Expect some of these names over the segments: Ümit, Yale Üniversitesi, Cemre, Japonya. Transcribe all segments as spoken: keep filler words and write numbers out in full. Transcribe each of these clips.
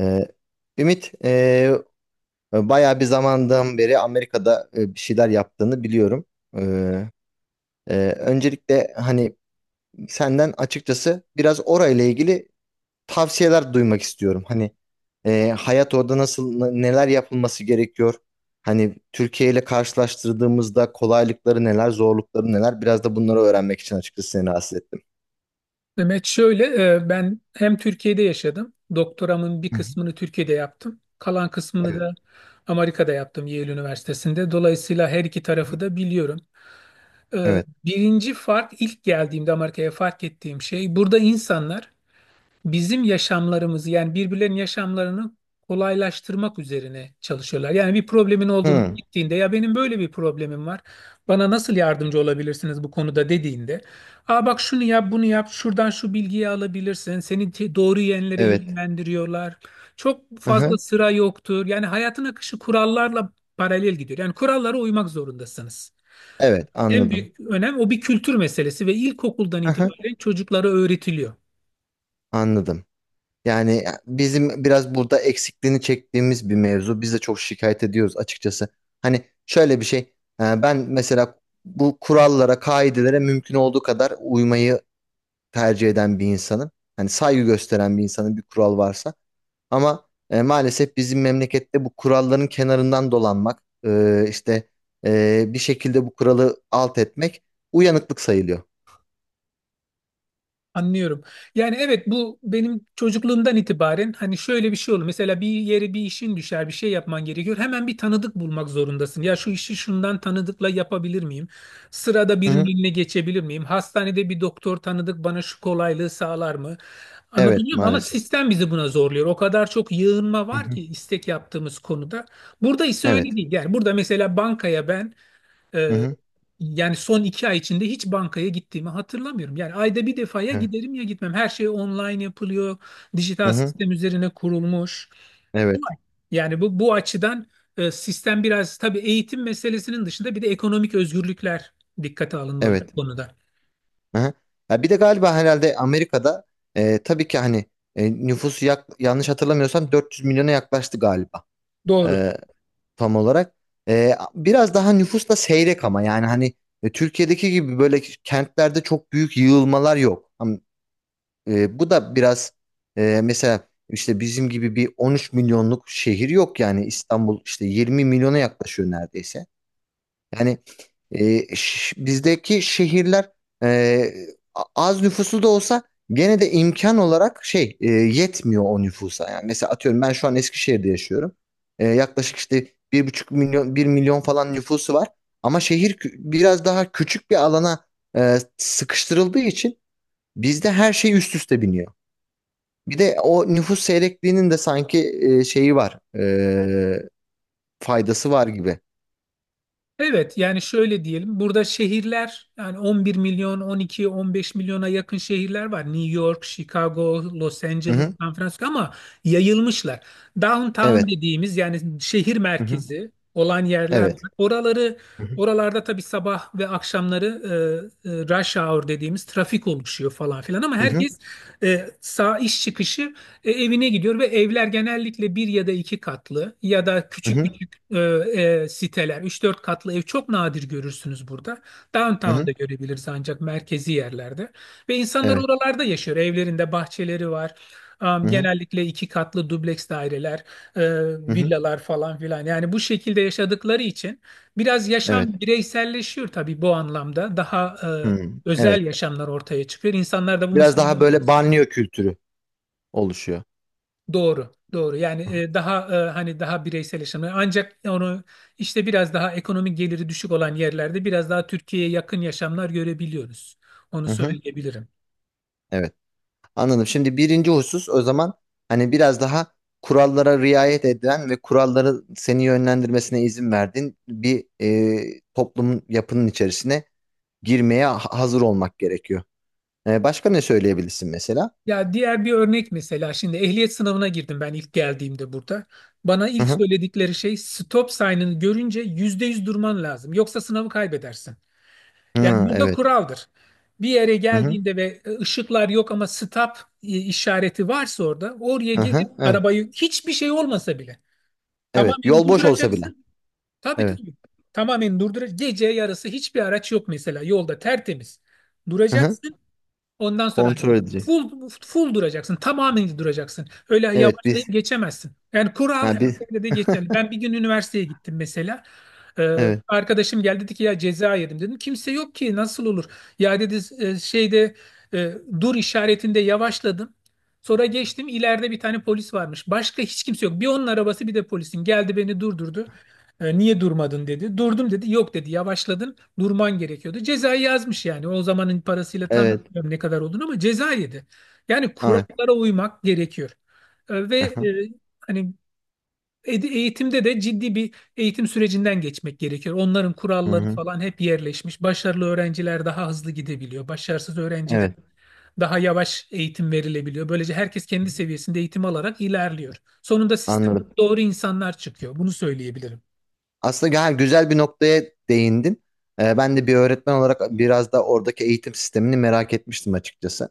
Ee, Ümit, e, bayağı bir zamandan beri Amerika'da e, bir şeyler yaptığını biliyorum. Ee, e, öncelikle hani senden açıkçası biraz orayla ilgili tavsiyeler duymak istiyorum. Hani e, hayat orada nasıl, n- neler yapılması gerekiyor? Hani Türkiye ile karşılaştırdığımızda kolaylıkları neler, zorlukları neler? Biraz da bunları öğrenmek için açıkçası seni rahatsız ettim. Mehmet şöyle, e, ben hem Türkiye'de yaşadım. Doktoramın bir Hı hı. kısmını Türkiye'de yaptım. Kalan kısmını Evet. da Amerika'da yaptım Yale Üniversitesi'nde. Dolayısıyla her iki Hı. tarafı da biliyorum. E, Evet. Birinci fark ilk geldiğimde Amerika'ya fark ettiğim şey burada insanlar bizim yaşamlarımızı yani birbirlerinin yaşamlarını kolaylaştırmak üzerine çalışıyorlar. Yani bir problemin olduğunu Hı, gittiğinde ya benim böyle bir problemim var. Bana nasıl yardımcı olabilirsiniz bu konuda dediğinde. Aa bak şunu yap, bunu yap. Şuradan şu bilgiyi alabilirsin. Seni te- doğru yönlere evet. yönlendiriyorlar. Çok Hı fazla hı. sıra yoktur. Yani hayatın akışı kurallarla paralel gidiyor. Yani kurallara uymak zorundasınız. Evet, En anladım. büyük önem o bir kültür meselesi ve ilkokuldan Hı hı. itibaren çocuklara öğretiliyor. Anladım. Yani e, bizim biraz burada eksikliğini çektiğimiz bir mevzu. Biz de çok şikayet ediyoruz açıkçası. Hani şöyle bir şey. e, Ben mesela bu kurallara, kaidelere mümkün olduğu kadar uymayı tercih eden bir insanım. Hani saygı gösteren bir insanın bir kural varsa. Ama e, maalesef bizim memlekette bu kuralların kenarından dolanmak, e, işte e, bir şekilde bu kuralı alt etmek uyanıklık sayılıyor. Anlıyorum. Yani evet bu benim çocukluğumdan itibaren hani şöyle bir şey olur. Mesela bir yere bir işin düşer, bir şey yapman gerekiyor. Hemen bir tanıdık bulmak zorundasın. Ya şu işi şundan tanıdıkla yapabilir miyim? Sırada Hı birinin hı. eline geçebilir miyim? Hastanede bir doktor tanıdık bana şu kolaylığı sağlar mı? Evet, Anlatabiliyor muyum? Ama maalesef. sistem bizi buna zorluyor. O kadar çok yığınma Hı var hı. ki istek yaptığımız konuda. Burada ise Evet. öyle değil. Yani burada mesela bankaya ben Hı ee, hı. yani son iki ay içinde hiç bankaya gittiğimi hatırlamıyorum. Yani ayda bir defaya Evet. giderim ya gitmem. Her şey online yapılıyor. Hı Dijital hı. sistem üzerine kurulmuş. Evet. Kolay. Yani bu bu açıdan e, sistem biraz tabii eğitim meselesinin dışında bir de ekonomik özgürlükler dikkate alınmalı Evet. bu konuda. Hı hı. Ya bir de galiba herhalde Amerika'da e, tabii ki hani e, nüfusu yak- yanlış hatırlamıyorsam dört yüz milyona yaklaştı galiba Doğru. e, tam olarak. E, biraz daha nüfus da seyrek ama yani hani e, Türkiye'deki gibi böyle kentlerde çok büyük yığılmalar yok. E, bu da biraz e, mesela işte bizim gibi bir on üç milyonluk şehir yok, yani İstanbul işte yirmi milyona yaklaşıyor neredeyse. Yani e, ş- bizdeki şehirler e, a- az nüfuslu da olsa gene de imkan olarak şey e, yetmiyor o nüfusa. Yani mesela atıyorum ben şu an Eskişehir'de yaşıyorum. E, yaklaşık işte bir buçuk milyon bir milyon falan nüfusu var. Ama şehir kü- biraz daha küçük bir alana e, sıkıştırıldığı için bizde her şey üst üste biniyor. Bir de o nüfus seyrekliğinin de sanki e, şeyi var. E, faydası var gibi. Evet yani şöyle diyelim burada şehirler yani on bir milyon on iki on beş milyona yakın şehirler var. New York, Chicago, Los Hı Angeles, hı. San Francisco ama yayılmışlar. Downtown Evet. dediğimiz yani şehir Hı hı. merkezi olan yerler var. Evet. Oraları Hı hı. oralarda tabii sabah ve akşamları e, e, rush hour dediğimiz trafik oluşuyor falan filan ama Hı hı. herkes e, sağ iş çıkışı e, evine gidiyor ve evler genellikle bir ya da iki katlı ya da Hı küçük hı. küçük e, e, siteler. Üç dört katlı ev çok nadir görürsünüz burada. Hı hı. Downtown'da görebiliriz ancak merkezi yerlerde. Ve insanlar Evet. oralarda yaşıyor. Evlerinde bahçeleri var. Am, Hı hı. Genellikle iki katlı dubleks daireler, e, Hı hı. villalar falan filan. Yani bu şekilde yaşadıkları için biraz Evet. yaşam bireyselleşiyor tabii bu anlamda. Daha e, Hı. Evet. özel yaşamlar ortaya çıkıyor. İnsanlar da bunu Biraz daha seviyor. böyle banliyö kültürü oluşuyor. Doğru, doğru. Yani e, daha e, hani daha bireysel yaşamı. Ancak onu işte biraz daha ekonomik geliri düşük olan yerlerde biraz daha Türkiye'ye yakın yaşamlar görebiliyoruz. Onu Hı hı. söyleyebilirim. Evet. Anladım. Şimdi birinci husus o zaman hani biraz daha kurallara riayet edilen ve kuralları seni yönlendirmesine izin verdiğin bir e, toplumun yapının içerisine girmeye ha- hazır olmak gerekiyor. Ee, başka ne söyleyebilirsin mesela? Ya diğer bir örnek mesela şimdi ehliyet sınavına girdim ben ilk geldiğimde burada. Bana Hı ilk hı. söyledikleri şey stop sign'ını görünce yüzde yüz durman lazım. Yoksa sınavı kaybedersin. Yani Hı, burada evet. kuraldır. Bir yere Hı hı. geldiğinde ve e, ışıklar yok ama stop e, işareti varsa orada oraya Hı gelip hı. Evet. arabayı hiçbir şey olmasa bile Evet. tamamen Yol boş olsa bile. durduracaksın. Tabii Evet. tabii. Tamamen durduracaksın. Gece yarısı hiçbir araç yok mesela yolda tertemiz. Hı hı. Duracaksın. Ondan sonra Kontrol hareket edin. edecek. Full, full duracaksın. Tamamen duracaksın. Öyle Evet yavaşlayıp biz. geçemezsin. Yani kural her Ha biz. yerde de geçerli. Ben bir gün üniversiteye gittim mesela. Ee, Evet. arkadaşım geldi dedi ki ya ceza yedim dedim. Kimse yok ki nasıl olur? Ya dedi e, şeyde e, dur işaretinde yavaşladım. Sonra geçtim ileride bir tane polis varmış. Başka hiç kimse yok. Bir onun arabası bir de polisin. Geldi beni durdurdu. E, niye durmadın dedi. Durdum dedi. Yok dedi yavaşladın durman gerekiyordu. Cezayı yazmış yani. O zamanın parasıyla tam Evet. bilmiyorum ne kadar olduğunu ama ceza yedi. Yani Evet. kurallara uymak gerekiyor. E, Ve Hı e, hı. hani ed- eğitimde de ciddi bir eğitim sürecinden geçmek gerekiyor. Onların Hı kuralları hı. falan hep yerleşmiş. Başarılı öğrenciler daha hızlı gidebiliyor. Başarısız öğrenciler Evet. daha yavaş eğitim verilebiliyor. Böylece herkes kendi seviyesinde eğitim alarak ilerliyor. Sonunda sistemde Anladım. doğru insanlar çıkıyor. Bunu söyleyebilirim. Aslında gü- ha, güzel bir noktaya değindin. Ee, ben de bir öğretmen olarak biraz da oradaki eğitim sistemini merak etmiştim açıkçası.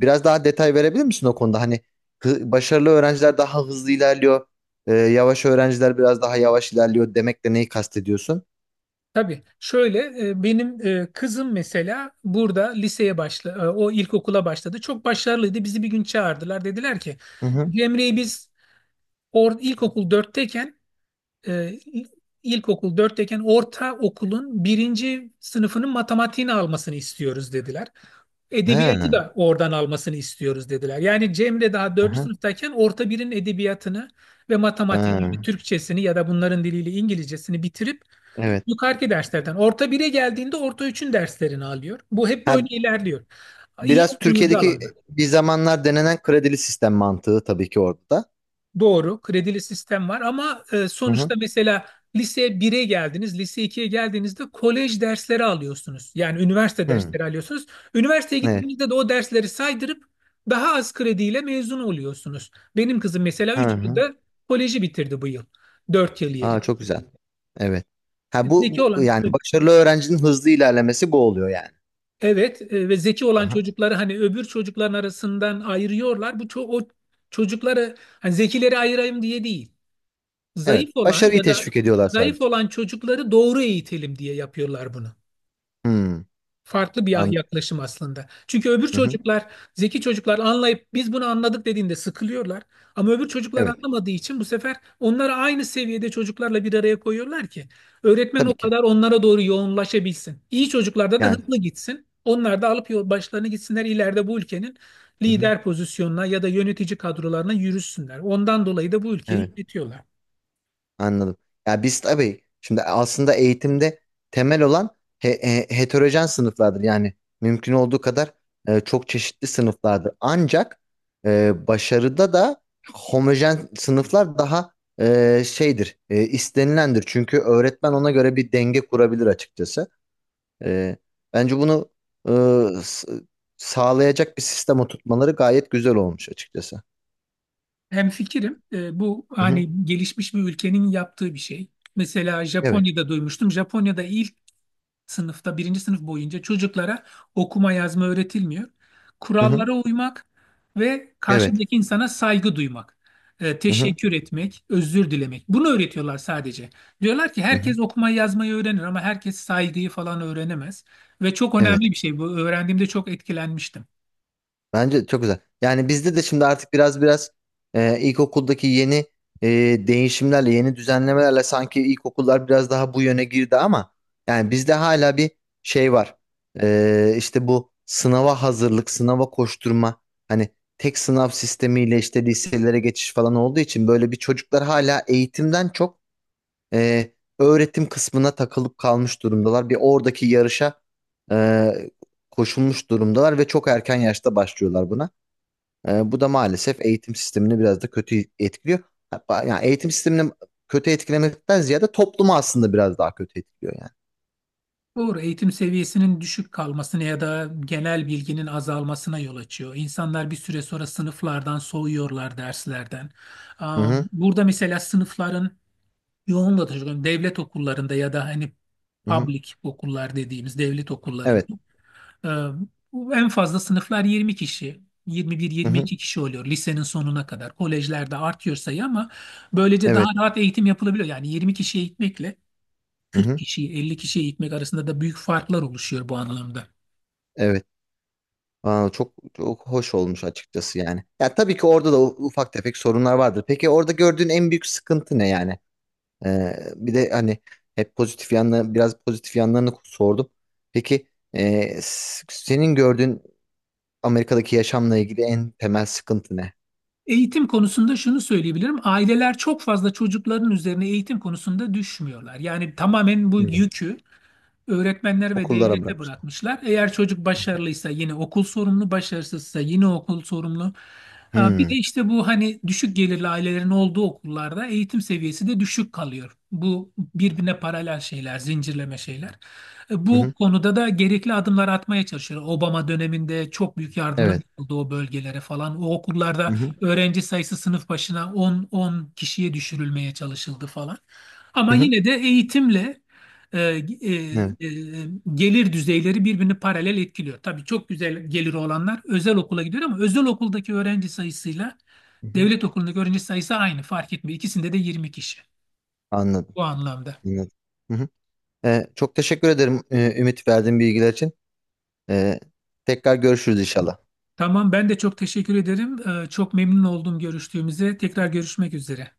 Biraz daha detay verebilir misin o konuda? Hani hı- başarılı öğrenciler daha hızlı ilerliyor. E, yavaş öğrenciler biraz daha yavaş ilerliyor demekle neyi kastediyorsun? Tabii şöyle e, benim e, kızım mesela burada liseye başla e, o ilkokula başladı. Çok başarılıydı. Bizi bir gün çağırdılar. Dediler ki Hı hı. Cemre'yi biz or, ilkokul dörtteyken e, il- ilkokul dörtteyken orta okulun birinci sınıfının matematiğini almasını istiyoruz dediler. Edebiyatı Ha, da oradan almasını istiyoruz dediler. Yani Cemre daha dördüncü aha, sınıftayken orta birin edebiyatını ve matematiğini, yani ha, Türkçesini ya da bunların diliyle İngilizcesini bitirip evet. yukarıki derslerden. Orta bire geldiğinde orta üçün derslerini alıyor. Bu hep böyle Ha, ilerliyor. İyi biraz olduğunuzda Türkiye'deki alanda. bir zamanlar denenen kredili sistem mantığı tabii ki orada. Doğru, kredili sistem var ama e, Hı hı. sonuçta mesela lise bire geldiniz, lise ikiye geldiğinizde kolej dersleri alıyorsunuz. Yani üniversite Hı, dersleri alıyorsunuz. Üniversiteye evet. gittiğinizde de o dersleri saydırıp daha az krediyle mezun oluyorsunuz. Benim kızım mesela Hı üç hı. yılda koleji bitirdi bu yıl. Dört yıl yeri. Aa, çok güzel. Evet. Ha Zeki bu, bu- olan Yani başarılı öğrencinin hızlı ilerlemesi bu oluyor yani. Evet, e, ve zeki Hı olan hı. çocukları hani öbür çocukların arasından ayırıyorlar. Bu ço- o çocukları hani zekileri ayırayım diye değil. Evet. Zayıf olan Başarıyı ya da teşvik ediyorlar zayıf sadece. olan çocukları doğru eğitelim diye yapıyorlar bunu. Hı, Farklı bir anladım. yaklaşım aslında. Çünkü öbür Hı hı. çocuklar, zeki çocuklar anlayıp biz bunu anladık dediğinde sıkılıyorlar. Ama öbür çocuklar Evet. anlamadığı için bu sefer onları aynı seviyede çocuklarla bir araya koyuyorlar ki öğretmen o Tabii ki. kadar onlara doğru yoğunlaşabilsin. İyi çocuklarda da Yani. hızlı gitsin. Onlar da alıp yol başlarını gitsinler ileride bu ülkenin Hı hı. lider pozisyonuna ya da yönetici kadrolarına yürüsünler. Ondan dolayı da bu ülkeyi Evet. yönetiyorlar. Anladım. Ya biz tabii şimdi aslında eğitimde temel olan he- he- heterojen sınıflardır. Yani mümkün olduğu kadar e, çok çeşitli sınıflardır. Ancak e, başarıda da homojen sınıflar daha e, şeydir, e, istenilendir. Çünkü öğretmen ona göre bir denge kurabilir açıkçası. E, Bence bunu e, s- sağlayacak bir sistem oturtmaları gayet güzel olmuş açıkçası. Hemfikirim. Ee, bu Hı hı. hani gelişmiş bir ülkenin yaptığı bir şey. Mesela Evet. Japonya'da duymuştum. Japonya'da ilk sınıfta, birinci sınıf boyunca çocuklara okuma yazma öğretilmiyor. Hı hı. Kurallara uymak ve Evet. karşındaki insana saygı duymak, e, Hı hı. teşekkür etmek, özür dilemek. Bunu öğretiyorlar sadece. Diyorlar ki Hı hı. herkes okumayı yazmayı öğrenir ama herkes saygıyı falan öğrenemez. Ve çok önemli Evet. bir şey bu. Öğrendiğimde çok etkilenmiştim. Bence çok güzel. Yani bizde de şimdi artık biraz biraz e, ilkokuldaki yeni e, değişimlerle, yeni düzenlemelerle sanki ilkokullar biraz daha bu yöne girdi ama yani bizde hala bir şey var. E, işte bu sınava hazırlık, sınava koşturma, hani tek sınav sistemiyle işte liselere geçiş falan olduğu için böyle bir çocuklar hala eğitimden çok e, öğretim kısmına takılıp kalmış durumdalar. Bir oradaki yarışa e, koşulmuş durumdalar ve çok erken yaşta başlıyorlar buna. Ee, bu da maalesef eğitim sistemini biraz da kötü etkiliyor. Hatta yani eğitim sistemini kötü etkilemekten ziyade toplumu aslında biraz daha kötü etkiliyor yani. Doğru, eğitim seviyesinin düşük kalmasına ya da genel bilginin azalmasına yol açıyor. İnsanlar bir süre sonra sınıflardan soğuyorlar derslerden. Hı hı, Am, Burada mesela sınıfların yoğunlaşıyor. Devlet okullarında ya da hani hı hı. public okullar dediğimiz devlet okullarında Evet. e, en fazla sınıflar yirmi kişi. Hı hı, yirmi bir yirmi iki kişi oluyor lisenin sonuna kadar. Kolejlerde artıyor sayı ama böylece daha evet. rahat eğitim yapılabiliyor. Yani yirmi kişi eğitmekle Hı kırk hı, kişiyi elli kişiye eğitmek arasında da büyük farklar oluşuyor bu anlamda. evet. Aa, çok çok hoş olmuş açıkçası yani. Ya tabii ki orada da u- ufak tefek sorunlar vardır. Peki orada gördüğün en büyük sıkıntı ne yani? Ee, bir de hani hep pozitif yanları biraz pozitif yanlarını sordum. Peki e, s- senin gördüğün Amerika'daki yaşamla ilgili en temel sıkıntı ne? Eğitim konusunda şunu söyleyebilirim. Aileler çok fazla çocukların üzerine eğitim konusunda düşmüyorlar. Yani tamamen bu yükü öğretmenler ve Okullara devlete bırakmışlar. bırakmışlar. Eğer çocuk başarılıysa yine okul sorumlu, başarısızsa yine okul sorumlu. Ee, Bir Hmm. de işte bu hani düşük gelirli ailelerin olduğu okullarda eğitim seviyesi de düşük kalıyor. Bu birbirine paralel şeyler, zincirleme şeyler. Ee, Hı Bu hı. konuda da gerekli adımlar atmaya çalışıyor. Obama döneminde çok büyük yardımlar Evet. yapıldı o bölgelere falan. O Hı okullarda hı. öğrenci sayısı sınıf başına on, on kişiye düşürülmeye çalışıldı falan. Hı Ama hı. yine de eğitimle e, e, Evet. e, gelir düzeyleri birbirini paralel etkiliyor. Tabii çok güzel geliri olanlar özel okula gidiyor ama özel okuldaki öğrenci sayısıyla Hı hı. devlet okulundaki öğrenci sayısı aynı fark etmiyor. İkisinde de yirmi kişi Anladım. bu anlamda. Anladım. Hı hı. Ee, çok teşekkür ederim e, Ümit, verdiğin bilgiler için. Ee, tekrar görüşürüz inşallah. Tamam ben de çok teşekkür ederim. E, çok memnun oldum görüştüğümüze. Tekrar görüşmek üzere.